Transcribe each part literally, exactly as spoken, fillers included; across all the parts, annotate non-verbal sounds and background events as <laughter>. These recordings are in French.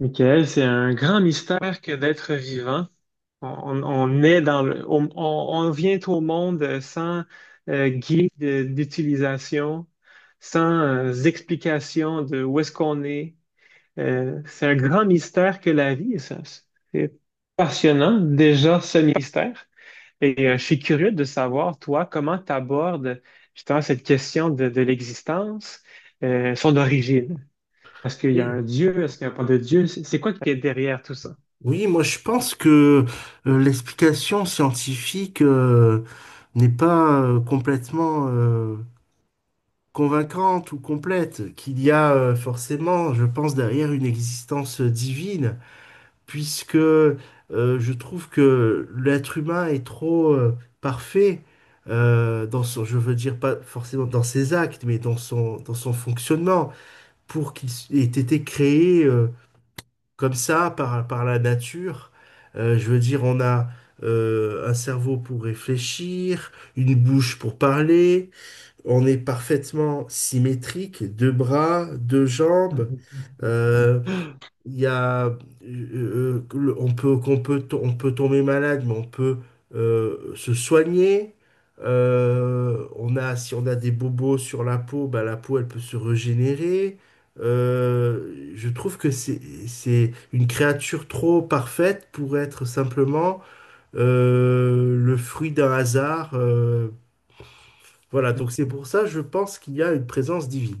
Michael, c'est un grand mystère que d'être vivant. On, on- on est dans le, on, on- on vient au monde sans euh, guide d'utilisation, sans euh, explication de où est-ce qu'on est. Euh, c'est un grand mystère que la vie, ça. C'est passionnant déjà ce mystère. Et euh, je suis curieux de savoir, toi, comment tu abordes justement cette question de, de l'existence, euh, son origine. Est-ce qu'il y a Oui, un Dieu? Est-ce qu'il n'y a pas de Dieu? C'est c'est quoi qui est derrière tout ça? oui, moi je pense que euh, l'explication scientifique euh, n'est pas euh, complètement euh, convaincante ou complète, qu'il y a euh, forcément, je pense, derrière une existence divine, puisque euh, je trouve que l'être humain est trop euh, parfait euh, dans son, je veux dire pas forcément dans ses actes, mais dans son, dans son fonctionnement, pour qu'il s- ait été créé. Euh, comme ça, par, par la nature. Euh, je veux dire, on a euh, un cerveau pour réfléchir, une bouche pour parler, on est parfaitement symétrique, deux bras, deux jambes. Mm. Euh, <laughs> il y a, euh, le- on peut, qu'on peut, to- on peut tomber malade, mais on peut euh, se soigner. Euh, on a, si on a des bobos sur la peau, bah, la peau, elle peut se régénérer. Euh, je trouve que c'est, c'est une créature trop parfaite pour être simplement euh, le fruit d'un hasard. Euh, voilà, donc c'est pour ça, je pense qu'il y a une présence divine.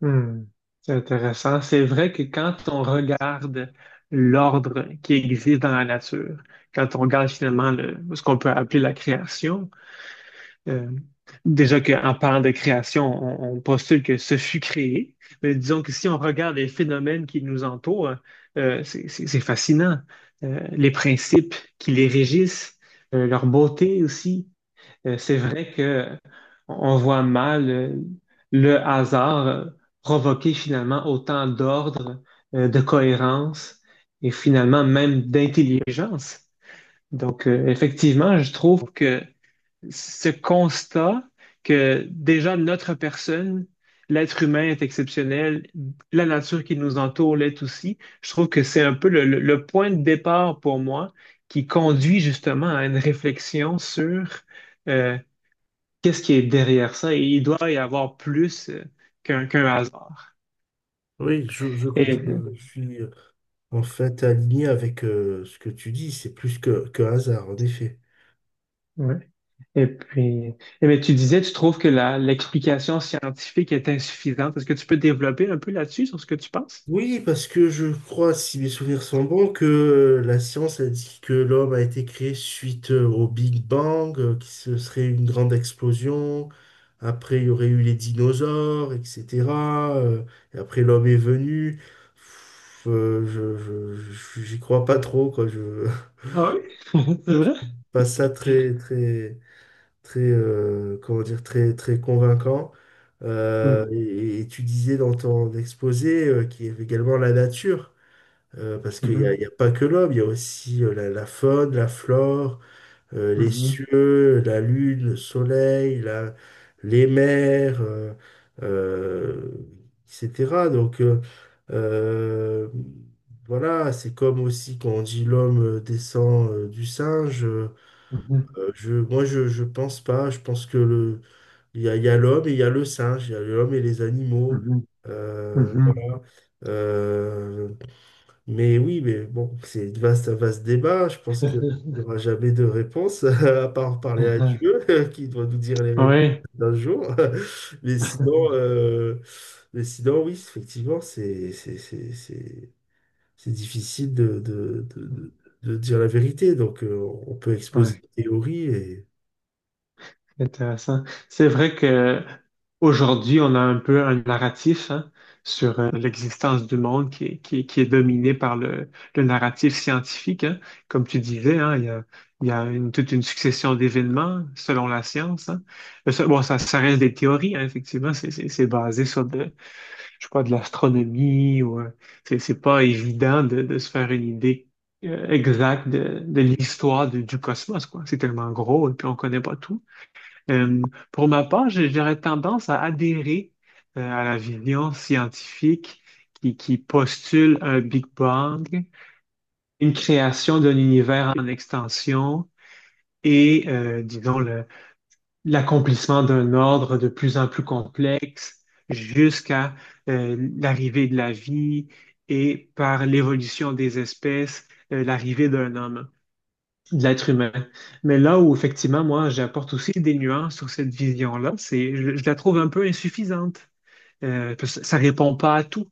Hmm, c'est intéressant. C'est vrai que quand on regarde l'ordre qui existe dans la nature, quand on regarde finalement le- ce qu'on peut appeler la création, euh, déjà qu'en parlant de création, on, on postule que ce fut créé, mais disons que si on regarde les phénomènes qui nous entourent, euh, c'est c'est- c'est fascinant. Euh, les principes qui les régissent, euh, leur beauté aussi. Euh, c'est vrai que on voit mal euh, le hasard euh, provoquer finalement autant d'ordre, euh, de cohérence et finalement même d'intelligence. Donc, euh, effectivement, je trouve que ce constat que déjà notre personne, l'être humain est exceptionnel, la nature qui nous entoure l'est aussi, je trouve que c'est un peu le, le- le point de départ pour moi qui conduit justement à une réflexion sur euh, qu'est-ce qui est derrière ça? Et il doit y avoir plus euh, qu'un qu'un hasard. Oui, je, je, Et, je- je suis... En fait, aligné avec euh, ce que tu dis, c'est plus que, que hasard, en effet. ouais. Et puis, eh bien, tu disais, tu trouves que la, l'explication scientifique est insuffisante. Est-ce que tu peux développer un peu là-dessus, sur ce que tu penses? Oui, parce que je crois, si mes souvenirs sont bons, que euh, la science a dit que l'homme a été créé suite euh, au Big Bang, euh, que ce serait une grande explosion. Après, il y aurait eu les dinosaures, et cetera euh, et après, l'homme est venu. Pff, euh, je, je, je- J'y crois pas trop, quoi. Je Ah oui, <laughs> c'est vrai? <laughs> pas ça très, très, très, euh, comment dire, très, très convaincant. Euh, Mhm, et, et tu disais dans ton exposé euh, qu'il y avait également la nature, euh, parce qu'il n'y a, il mhm, y a pas que l'homme, il y a aussi euh, la, la faune, la flore, euh, les cieux, la lune, le soleil, la- les mers, euh, euh, et cetera. Donc, euh, euh, voilà, c'est comme aussi quand on dit l'homme euh, descend euh, du singe. euh, mhm, euh, je, moi, je, je pense pas. Je pense que le, il y a, il y a l'homme et il y a le singe, il y a l'homme et les animaux. mhm, Euh, mhm, Voilà. Euh, mais oui, mais bon, c'est un vaste, un vaste débat. Je pense qu'il mhm. n'y aura jamais de réponse, <laughs> à part parler à Mhm. Dieu, <laughs> qui doit nous dire les <laughs> réponses Ouais. d'un jour. <laughs> Mais sinon, euh, mais sinon, oui, effectivement, c'est, c'est, c'est, c'est, c'est difficile de, de, de, de, de dire la vérité. Donc, euh, on peut exposer Ouais. une théorie et. Intéressant. C'est vrai que aujourd'hui, on a un peu un narratif, hein, sur euh, l'existence du monde qui est, qui est- qui est dominé par le, le narratif scientifique, hein. Comme tu disais, hein, il y a, il y a une- toute une succession d'événements selon la science, hein. Mais ça- Bon, ça, ça reste des théories, hein, effectivement. C'est c'est- c'est basé sur de, je sais pas, de l'astronomie ou euh, c'est c'est pas évident de, de se faire une idée euh, exacte de, de l'histoire du, du cosmos, quoi. C'est tellement gros et puis on connaît pas tout. Euh, pour ma part, j'ai- j'aurais tendance à adhérer euh, à la vision scientifique qui, qui postule un Big Bang, une création d'un univers en extension et, euh, disons, le- l'accomplissement d'un ordre de plus en plus complexe jusqu'à euh, l'arrivée de la vie et par l'évolution des espèces, euh, l'arrivée d'un homme de l'être humain. Mais là où effectivement, moi, j'apporte aussi des nuances sur cette vision-là, c'est, je, je la trouve un peu insuffisante. Euh, parce que ça répond pas à tout.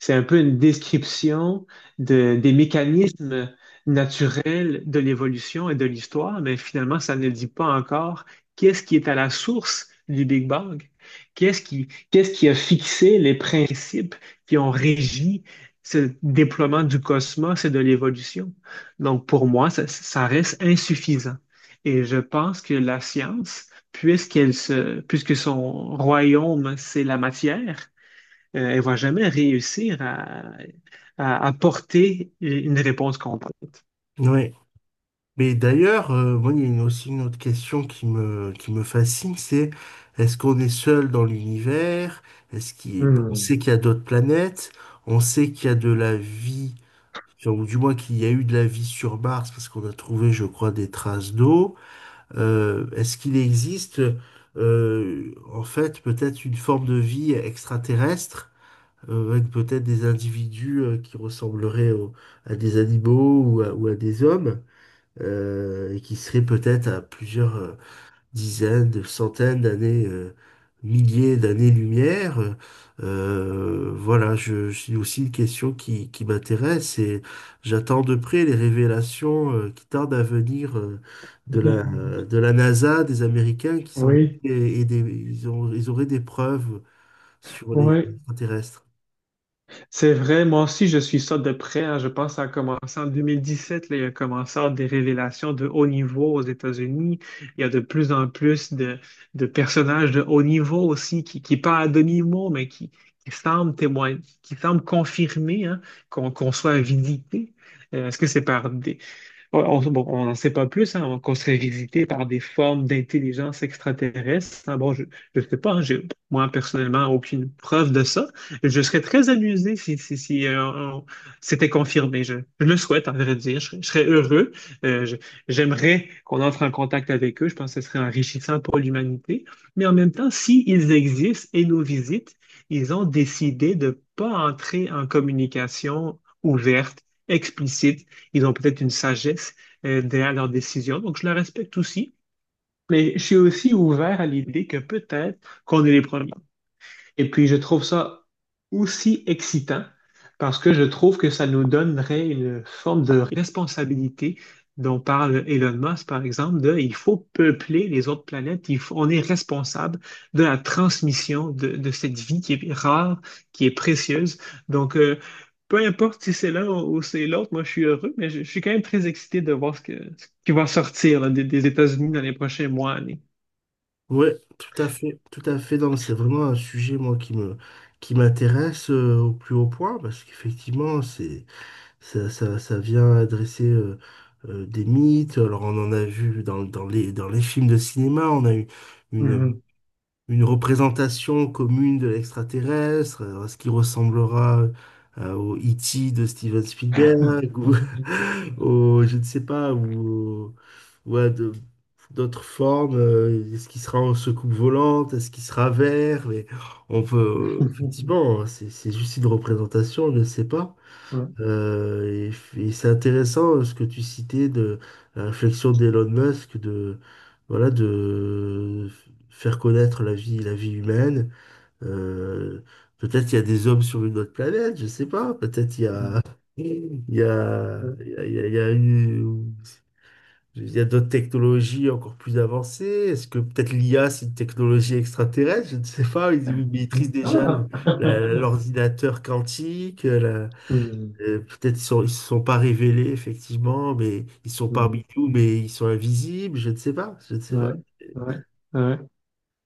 C'est un peu une description de- des mécanismes naturels de l'évolution et de l'histoire, mais finalement, ça ne dit pas encore qu'est-ce qui est à la source du Big Bang, qu'est-ce qui, qu'est-ce qui a fixé les principes qui ont régi ce déploiement du cosmos et de l'évolution. Donc, pour moi, ça, ça reste insuffisant. Et je pense que la science, puisqu'elle se, puisque son royaume, c'est la matière, euh, elle va jamais réussir à, à apporter une réponse complète. Ouais. Mais d'ailleurs, euh, moi, il y a une- aussi une autre question qui me, qui me fascine, c'est est-ce qu'on est seul dans l'univers? Est-ce qu'il, bon, on Hmm. sait qu'il y a d'autres planètes, on sait qu'il y a de la vie, enfin, ou du moins qu'il y a eu de la vie sur Mars, parce qu'on a trouvé, je crois, des traces d'eau. Euh, est-ce qu'il existe, euh, en fait, peut-être une forme de vie extraterrestre, euh, avec peut-être des individus, euh, qui ressembleraient au- à des animaux ou à ou à des hommes? Euh, et qui serait peut-être à plusieurs euh, dizaines, de centaines d'années, euh, milliers d'années-lumière. Euh, euh, voilà, je, je- c'est aussi une question qui, qui m'intéresse et j'attends de près les révélations euh, qui tardent à venir euh, de la, <laughs> de la NASA, des Américains qui semblent Oui, et, et des, ils ont, ils auraient des preuves sur les oui. extraterrestres. C'est vrai, moi aussi, je suis ça de près, hein. Je pense que ça a commencé en deux mille dix-sept. Là, il y a commencé à avoir des révélations de haut niveau aux États-Unis. Il y a de plus en plus de, de personnages de haut niveau aussi qui, qui parlent à demi-mot, mais qui, qui semblent témoigner, qui semblent confirmer, hein, qu'on qu'on soit vidité. Euh, est-ce que c'est par des, Ouais, on, bon, on n'en sait pas plus, hein, on- qu'on serait visité par des formes d'intelligence extraterrestre, hein. Bon, je ne sais pas, hein, j'ai- moi personnellement aucune preuve de ça. Je serais très amusé si, si, si, euh, on- c'était confirmé. Je, je le souhaite, en vrai dire. Je, serais je serais heureux. Euh, je- J'aimerais qu'on entre en contact avec eux. Je pense que ce serait enrichissant pour l'humanité. Mais en même temps, s'ils existent et nous visitent, ils ont décidé de ne pas entrer en communication ouverte, explicite, ils ont peut-être une sagesse euh, derrière leurs décisions. Donc, je le respecte aussi. Mais je suis aussi ouvert à l'idée que peut-être qu'on est les premiers. Et puis, je trouve ça aussi excitant parce que je trouve que ça nous donnerait une forme de responsabilité dont parle Elon Musk, par exemple, de il faut peupler les autres planètes, il faut- on est responsable de la transmission de, de cette vie qui est rare, qui est précieuse. Donc, euh, peu importe si c'est l'un ou c'est l'autre, moi, je suis heureux, mais je, je suis quand même très excité de voir ce, que, ce qui va sortir là, des, des États-Unis dans les prochains mois, années. Ouais, tout à fait, tout à fait. Non, mais c'est vraiment un sujet, moi, qui me, qui m'intéresse euh, au plus haut point, parce qu'effectivement, c'est, ça, ça, ça vient adresser euh, euh, des mythes. Alors, on en a vu dans, dans les, dans les films de cinéma, on a eu une, Mhm. une représentation commune de l'extraterrestre, euh, ce qui ressemblera euh, au E T de Steven Spielberg, ou <laughs> <laughs> au, je ne sais pas, ou, ou à de- d'autres formes, euh, est-ce qu'il sera en secoupe volante, est-ce qu'il sera vert, mais on peut, effectivement, c'est c'est juste une représentation, on ne sait pas. Ouais. Euh, et, et c'est intéressant euh, ce que tu citais de la réflexion d'Elon Musk de voilà de faire connaître la vie la vie humaine. Euh, Peut-être il y a des hommes sur une autre planète, je sais pas. Peut-être il y a <laughs> il y a Mmh. il y a, il y a- il y a une- il y a d'autres technologies encore plus avancées. Est-ce que peut-être l'I A c'est une technologie extraterrestre? Je ne sais pas. Ils, ils maîtrisent déjà le- Ah! la- <laughs> l'ordinateur quantique. Mmh. Euh, peut-être ils sont, ils se sont pas révélés, effectivement, mais ils sont Mmh. parmi nous, mais ils sont invisibles, je ne sais pas, je ne sais pas. Ouais, ouais, ouais.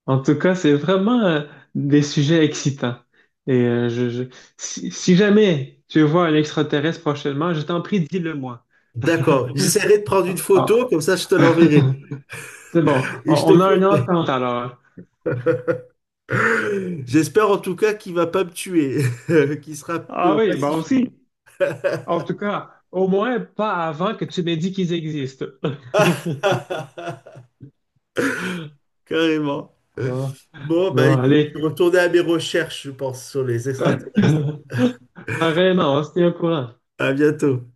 En tout cas, c'est vraiment euh, des sujets excitants. Et euh, je, je- si, si jamais tu vois un extraterrestre prochainement, je t'en prie, dis-le moi. D'accord, j'essaierai de prendre une Ah, ah. photo, comme ça je te l'enverrai. <laughs> C'est bon. On, Et je te On a une ferai- entente alors. <laughs> J'espère en tout cas qu'il va pas me tuer, <laughs> qu'il sera Ah euh, oui, bon pacifique. aussi. En tout cas, au moins pas avant que tu m'aies dit qu'ils existent. <laughs> <laughs> Carrément. Bon, Bon, bah bon, écoute, allez. je vais retourner à mes recherches, je pense, sur les extraterrestres. <laughs> Pareillement, on se tient au courant. À bientôt.